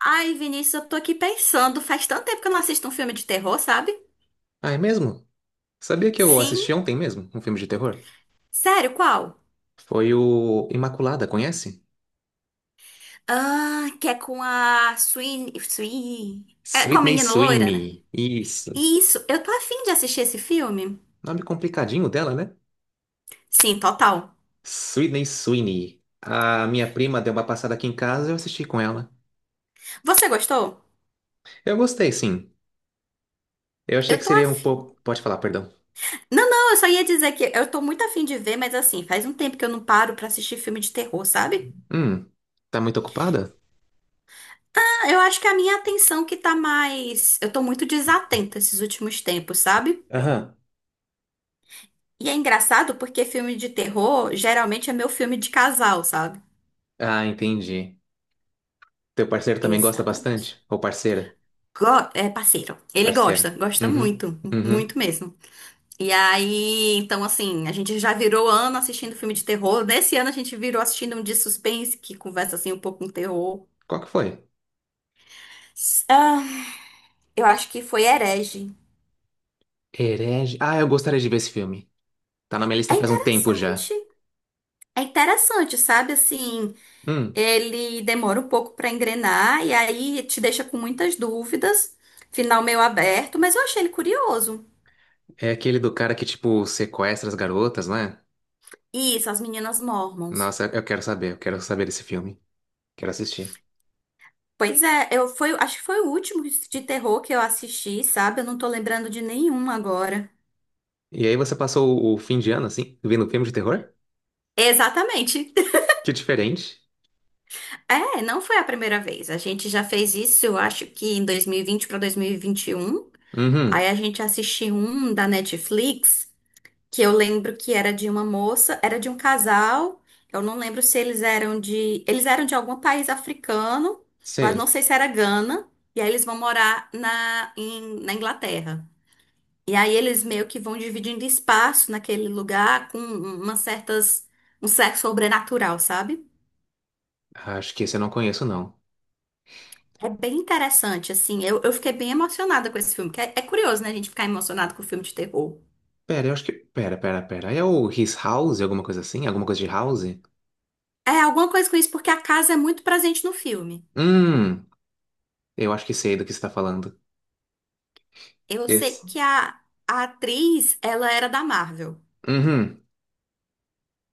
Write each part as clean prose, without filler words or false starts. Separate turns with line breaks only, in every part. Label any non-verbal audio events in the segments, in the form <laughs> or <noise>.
Ai, Vinícius, eu tô aqui pensando. Faz tanto tempo que eu não assisto um filme de terror, sabe?
Ah, é mesmo? Sabia que eu
Sim.
assisti ontem mesmo um filme de terror?
Sério, qual?
Foi o Imaculada, conhece?
Ah, que é com a Sweeney. É com a
Sydney
menina loira, né?
Sweeney. Isso.
Isso, eu tô afim de assistir esse filme.
Nome complicadinho dela, né?
Sim, total.
Sydney Sweeney. A minha prima deu uma passada aqui em casa e eu assisti com ela.
Você gostou?
Eu gostei, sim. Eu achei que
Eu tô
seria um
afim.
pouco. Pode falar, perdão.
Não, não, eu só ia dizer que eu tô muito afim de ver, mas assim, faz um tempo que eu não paro pra assistir filme de terror, sabe?
Hum, tá muito ocupada?
Ah, eu acho que a minha atenção que tá mais. Eu tô muito desatenta esses últimos tempos, sabe?
Aham.
E é engraçado porque filme de terror geralmente é meu filme de casal, sabe?
Ah, entendi. Teu parceiro também gosta
Exatamente.
bastante? Ou parceira?
É parceiro. Ele gosta,
Parceira.
gosta
Uhum,
muito,
uhum.
muito mesmo. E aí, então assim, a gente já virou ano assistindo filme de terror. Nesse ano a gente virou assistindo um de suspense que conversa assim um pouco com terror.
Qual que foi?
ah, eu acho que foi Herege.
Herege. Ah, eu gostaria de ver esse filme. Tá na minha
É
lista faz um tempo já.
interessante. É interessante, sabe assim.
Hum,
Ele demora um pouco para engrenar e aí te deixa com muitas dúvidas. Final meio aberto, mas eu achei ele curioso.
é aquele do cara que, tipo, sequestra as garotas, não é?
Isso, as meninas Mormons.
Nossa, eu quero saber desse filme. Quero assistir.
Pois é, eu foi, acho que foi o último de terror que eu assisti, sabe? Eu não tô lembrando de nenhum agora.
E aí você passou o fim de ano, assim, vendo um filme de terror?
Exatamente. <laughs>
Que diferente.
É, não foi a primeira vez. A gente já fez isso, eu acho que em 2020 para 2021. Aí
Uhum,
a gente assistiu um da Netflix, que eu lembro que era de uma moça, era de um casal. Eu não lembro se eles eram de, eles eram de algum país africano, mas não
sei.
sei se era Gana. E aí eles vão morar na, na Inglaterra. E aí eles meio que vão dividindo espaço naquele lugar com umas certas, um sexo sobrenatural, sabe?
Acho que esse eu não conheço, não.
É bem interessante, assim. Eu fiquei bem emocionada com esse filme. Que É, é curioso, né, a gente ficar emocionado com filme de terror.
Pera, eu acho que... Pera, pera, pera. É o His House, alguma coisa assim? Alguma coisa de House?
É alguma coisa com isso, porque a casa é muito presente no filme.
Hum, eu acho que sei do que você tá falando.
Eu sei
Esse...
que a atriz, ela era da Marvel.
Uhum.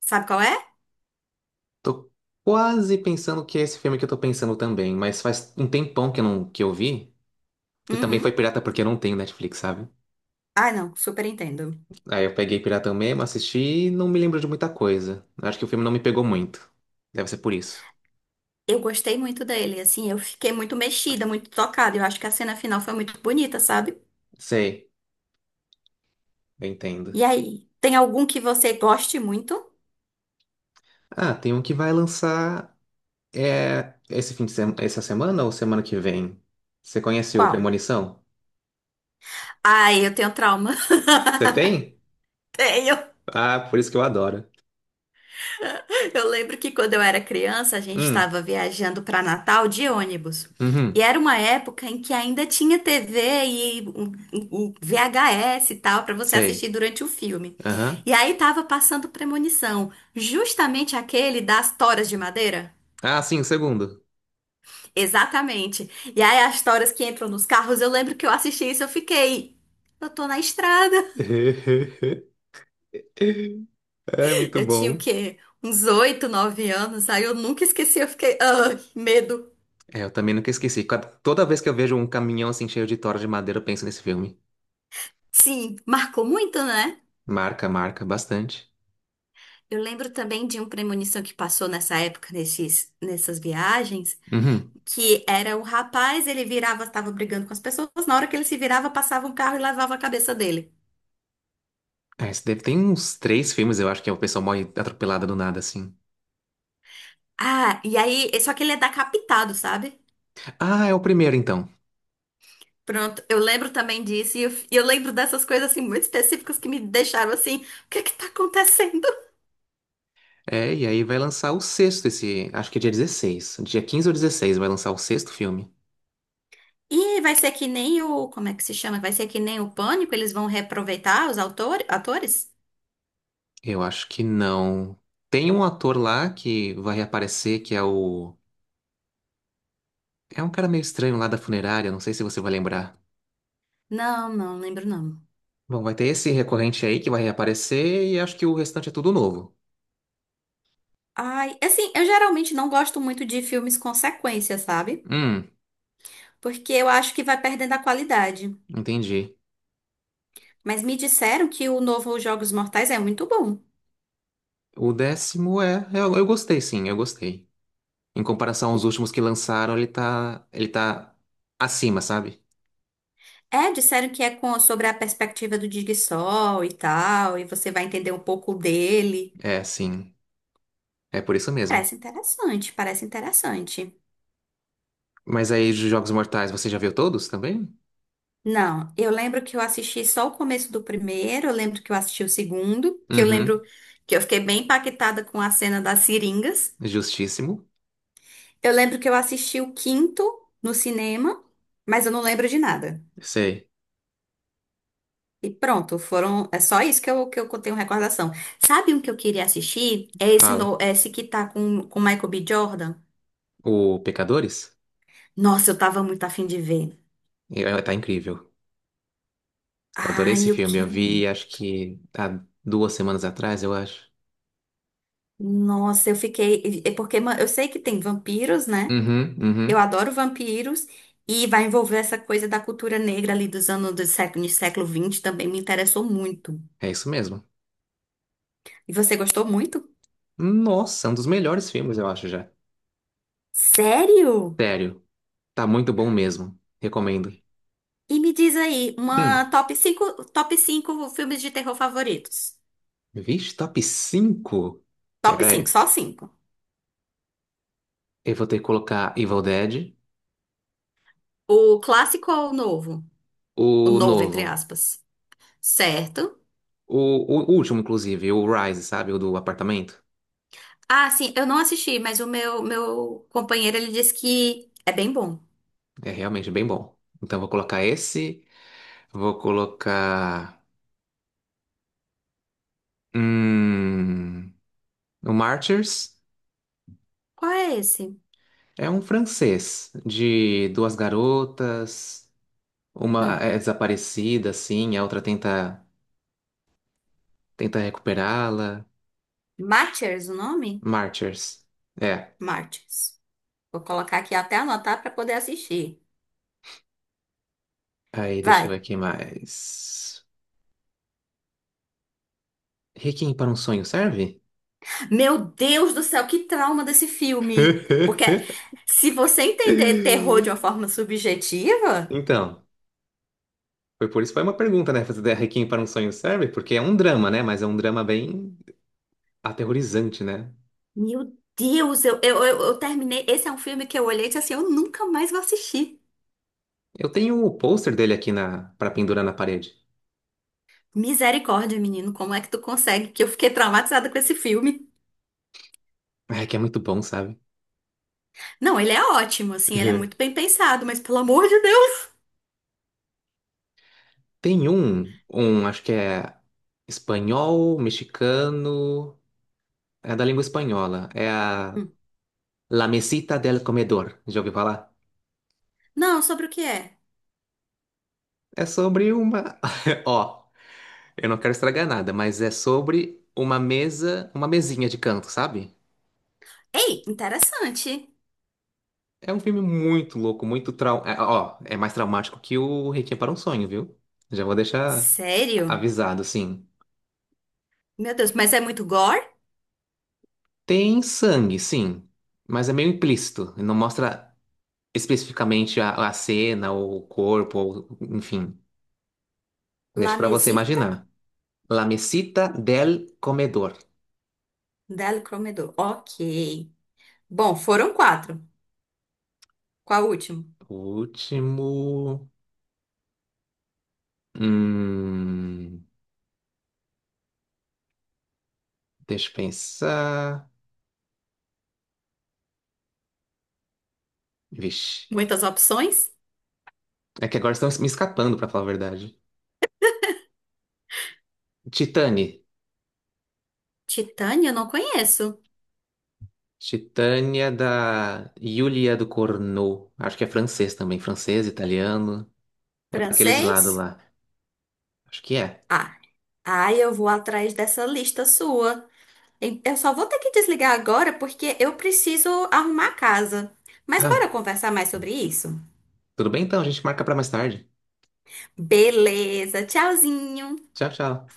Sabe qual é?
Tô quase pensando que é esse filme que eu tô pensando também, mas faz um tempão que eu não, que eu vi. E também foi
Uhum.
pirata porque eu não tenho Netflix, sabe?
Ah, não, super entendo.
Aí eu peguei pirata mesmo, assisti e não me lembro de muita coisa. Acho que o filme não me pegou muito. Deve ser por isso.
Eu gostei muito dele, assim, eu fiquei muito mexida, muito tocada. Eu acho que a cena final foi muito bonita, sabe?
Sei, eu entendo.
E aí, tem algum que você goste muito?
Ah, tem um que vai lançar é, esse fim de semana, essa semana ou semana que vem? Você conhece o
Qual?
Premonição?
Ai, eu tenho trauma.
Você tem?
<laughs> Tenho.
Ah, por isso que eu adoro.
Eu lembro que quando eu era criança, a gente
Hum,
estava viajando para Natal de ônibus. E
uhum,
era uma época em que ainda tinha TV e um VHS e tal para você assistir
sei.
durante o filme.
Aham.
E aí tava passando Premonição, justamente aquele das toras de madeira.
Ah, sim, o segundo.
Exatamente. E aí as toras que entram nos carros, eu lembro que eu assisti isso, eu fiquei, eu tô na estrada.
<laughs> É muito
Eu tinha o
bom.
quê? Uns oito, nove anos. Aí eu nunca esqueci, eu fiquei, ah, que medo.
É, eu também nunca esqueci. Toda vez que eu vejo um caminhão assim cheio de tora de madeira, eu penso nesse filme.
Sim, marcou muito, né?
Marca, marca bastante.
Eu lembro também de um premonição que passou nessa época, nessas viagens,
Uhum.
que era o rapaz, ele virava, estava brigando com as pessoas, na hora que ele se virava, passava um carro e lavava a cabeça dele.
É, esse deve ter uns três filmes, eu acho que é o pessoal morre atropelada do nada, assim.
Ah, e aí, só que ele é decapitado, sabe?
Ah, é o primeiro, então.
Pronto, eu lembro também disso, e eu lembro dessas coisas, assim, muito específicas que me deixaram assim, o que é que tá acontecendo?
É, e aí vai lançar o sexto, esse. Acho que é dia 16, dia 15 ou 16 vai lançar o sexto filme.
E vai ser que nem o, como é que se chama? Vai ser que nem o Pânico, eles vão reaproveitar os atores?
Eu acho que não. Tem um ator lá que vai reaparecer, que é o. É um cara meio estranho lá da funerária, não sei se você vai lembrar.
Não, não lembro não.
Bom, vai ter esse recorrente aí que vai reaparecer e acho que o restante é tudo novo.
Ai, assim, eu geralmente não gosto muito de filmes com sequência, sabe?
Hum,
Porque eu acho que vai perdendo a qualidade.
Entendi.
Mas me disseram que o novo Jogos Mortais é muito bom.
O 10º é. Eu gostei, sim, eu gostei. Em comparação aos
Que-
últimos que lançaram, Ele tá acima, sabe?
É, disseram que é com, sobre a perspectiva do Sol e tal, e você vai entender um pouco dele.
É, sim. É por isso mesmo.
Parece interessante, parece interessante.
Mas aí, de Jogos Mortais, você já viu todos também?
Não, eu lembro que eu assisti só o começo do primeiro, eu lembro que eu assisti o segundo, que eu
Uhum.
lembro que eu fiquei bem impactada com a cena das seringas.
Justíssimo.
Eu lembro que eu assisti o quinto no cinema, mas eu não lembro de nada.
Sei.
E pronto, foram. É só isso que que eu tenho recordação. Sabe um que eu queria assistir? É esse,
Fala.
no, é esse que tá com Michael B. Jordan.
O Pecadores?
Nossa, eu tava muito afim de ver.
É, é, tá incrível. Eu adorei
Ai,
esse
eu
filme. Eu
quero.
vi,
Muito.
acho que há 2 semanas atrás, eu acho.
Nossa, eu fiquei. É porque eu sei que tem vampiros, né?
Uhum,
Eu
uhum.
adoro vampiros. E vai envolver essa coisa da cultura negra ali dos anos do século 20 também me interessou muito.
É isso mesmo.
E você gostou muito?
Nossa, é um dos melhores filmes, eu acho já.
Sério?
Sério. Tá muito bom mesmo. Recomendo.
E me diz aí,
Hum,
uma top 5 filmes de terror favoritos.
Vixe, top cinco.
Top
Pera
cinco
aí.
só cinco.
Eu vou ter que colocar Evil Dead,
O clássico ou o novo? O
o
novo, entre
novo.
aspas. Certo.
O, o último, inclusive, o Rise, sabe? O do apartamento.
Ah, sim, eu não assisti, mas o meu companheiro, ele disse que é bem bom.
É realmente bem bom. Então vou colocar esse. Vou colocar. Hum, o Martyrs.
Qual é esse?
É um francês de duas garotas. Uma
Hum.
é desaparecida, assim, a outra tenta, recuperá-la.
Martyrs, o nome?
Martyrs. É.
Martyrs. Vou colocar aqui até anotar pra poder assistir.
Aí, deixa eu ver
Vai.
aqui mais. Requiem para um sonho serve?
Meu Deus do céu, que trauma desse filme. Porque
<laughs>
se você entender terror de uma forma subjetiva...
Então, foi por isso que foi uma pergunta, né? Fazer Requiem para um sonho serve? Porque é um drama, né? Mas é um drama bem aterrorizante, né?
Meu Deus, eu terminei. Esse é um filme que eu olhei e disse assim: eu nunca mais vou assistir.
Eu tenho o pôster dele aqui na para pendurar na parede.
Misericórdia, menino, como é que tu consegue? Que eu fiquei traumatizada com esse filme.
É que é muito bom, sabe?
Não, ele é ótimo, assim, ele é muito bem
<laughs>
pensado, mas pelo amor de Deus.
Tem um, acho que é espanhol, mexicano, é da língua espanhola. É a
Hum.
La Mesita del Comedor. Já ouviu falar?
Não, sobre o que é?
É sobre uma. <laughs> Ó. Eu não quero estragar nada, mas é sobre uma mesa, uma mesinha de canto, sabe?
Ei, interessante.
É um filme muito louco, muito trau... é, ó, é mais traumático que o Requiem para um Sonho, viu? Já vou deixar
Sério?
avisado, assim.
Meu Deus, mas é muito gore?
Tem sangue, sim, mas é meio implícito. Não mostra especificamente a cena, ou o corpo, ou, enfim. Deixa
La
pra você
Mesita
imaginar. La mesita del comedor.
del Comedor. Ok. Bom, foram quatro. Qual o último?
Último. Hum, Deixa eu pensar. Vixe.
Muitas opções?
É que agora estão me escapando, pra falar a verdade. Titane.
Titânia, eu não conheço.
Titânia da Yulia do Corneau. Acho que é francês também. Francês, italiano. É pra aqueles lados
Francês?
lá. Acho que é.
Ah. Ai, eu vou atrás dessa lista sua. E eu só vou ter que desligar agora porque eu preciso arrumar a casa. Mas bora
Ah,
conversar mais sobre isso?
tudo bem então, a gente marca pra mais tarde.
Beleza, tchauzinho!
Tchau, tchau.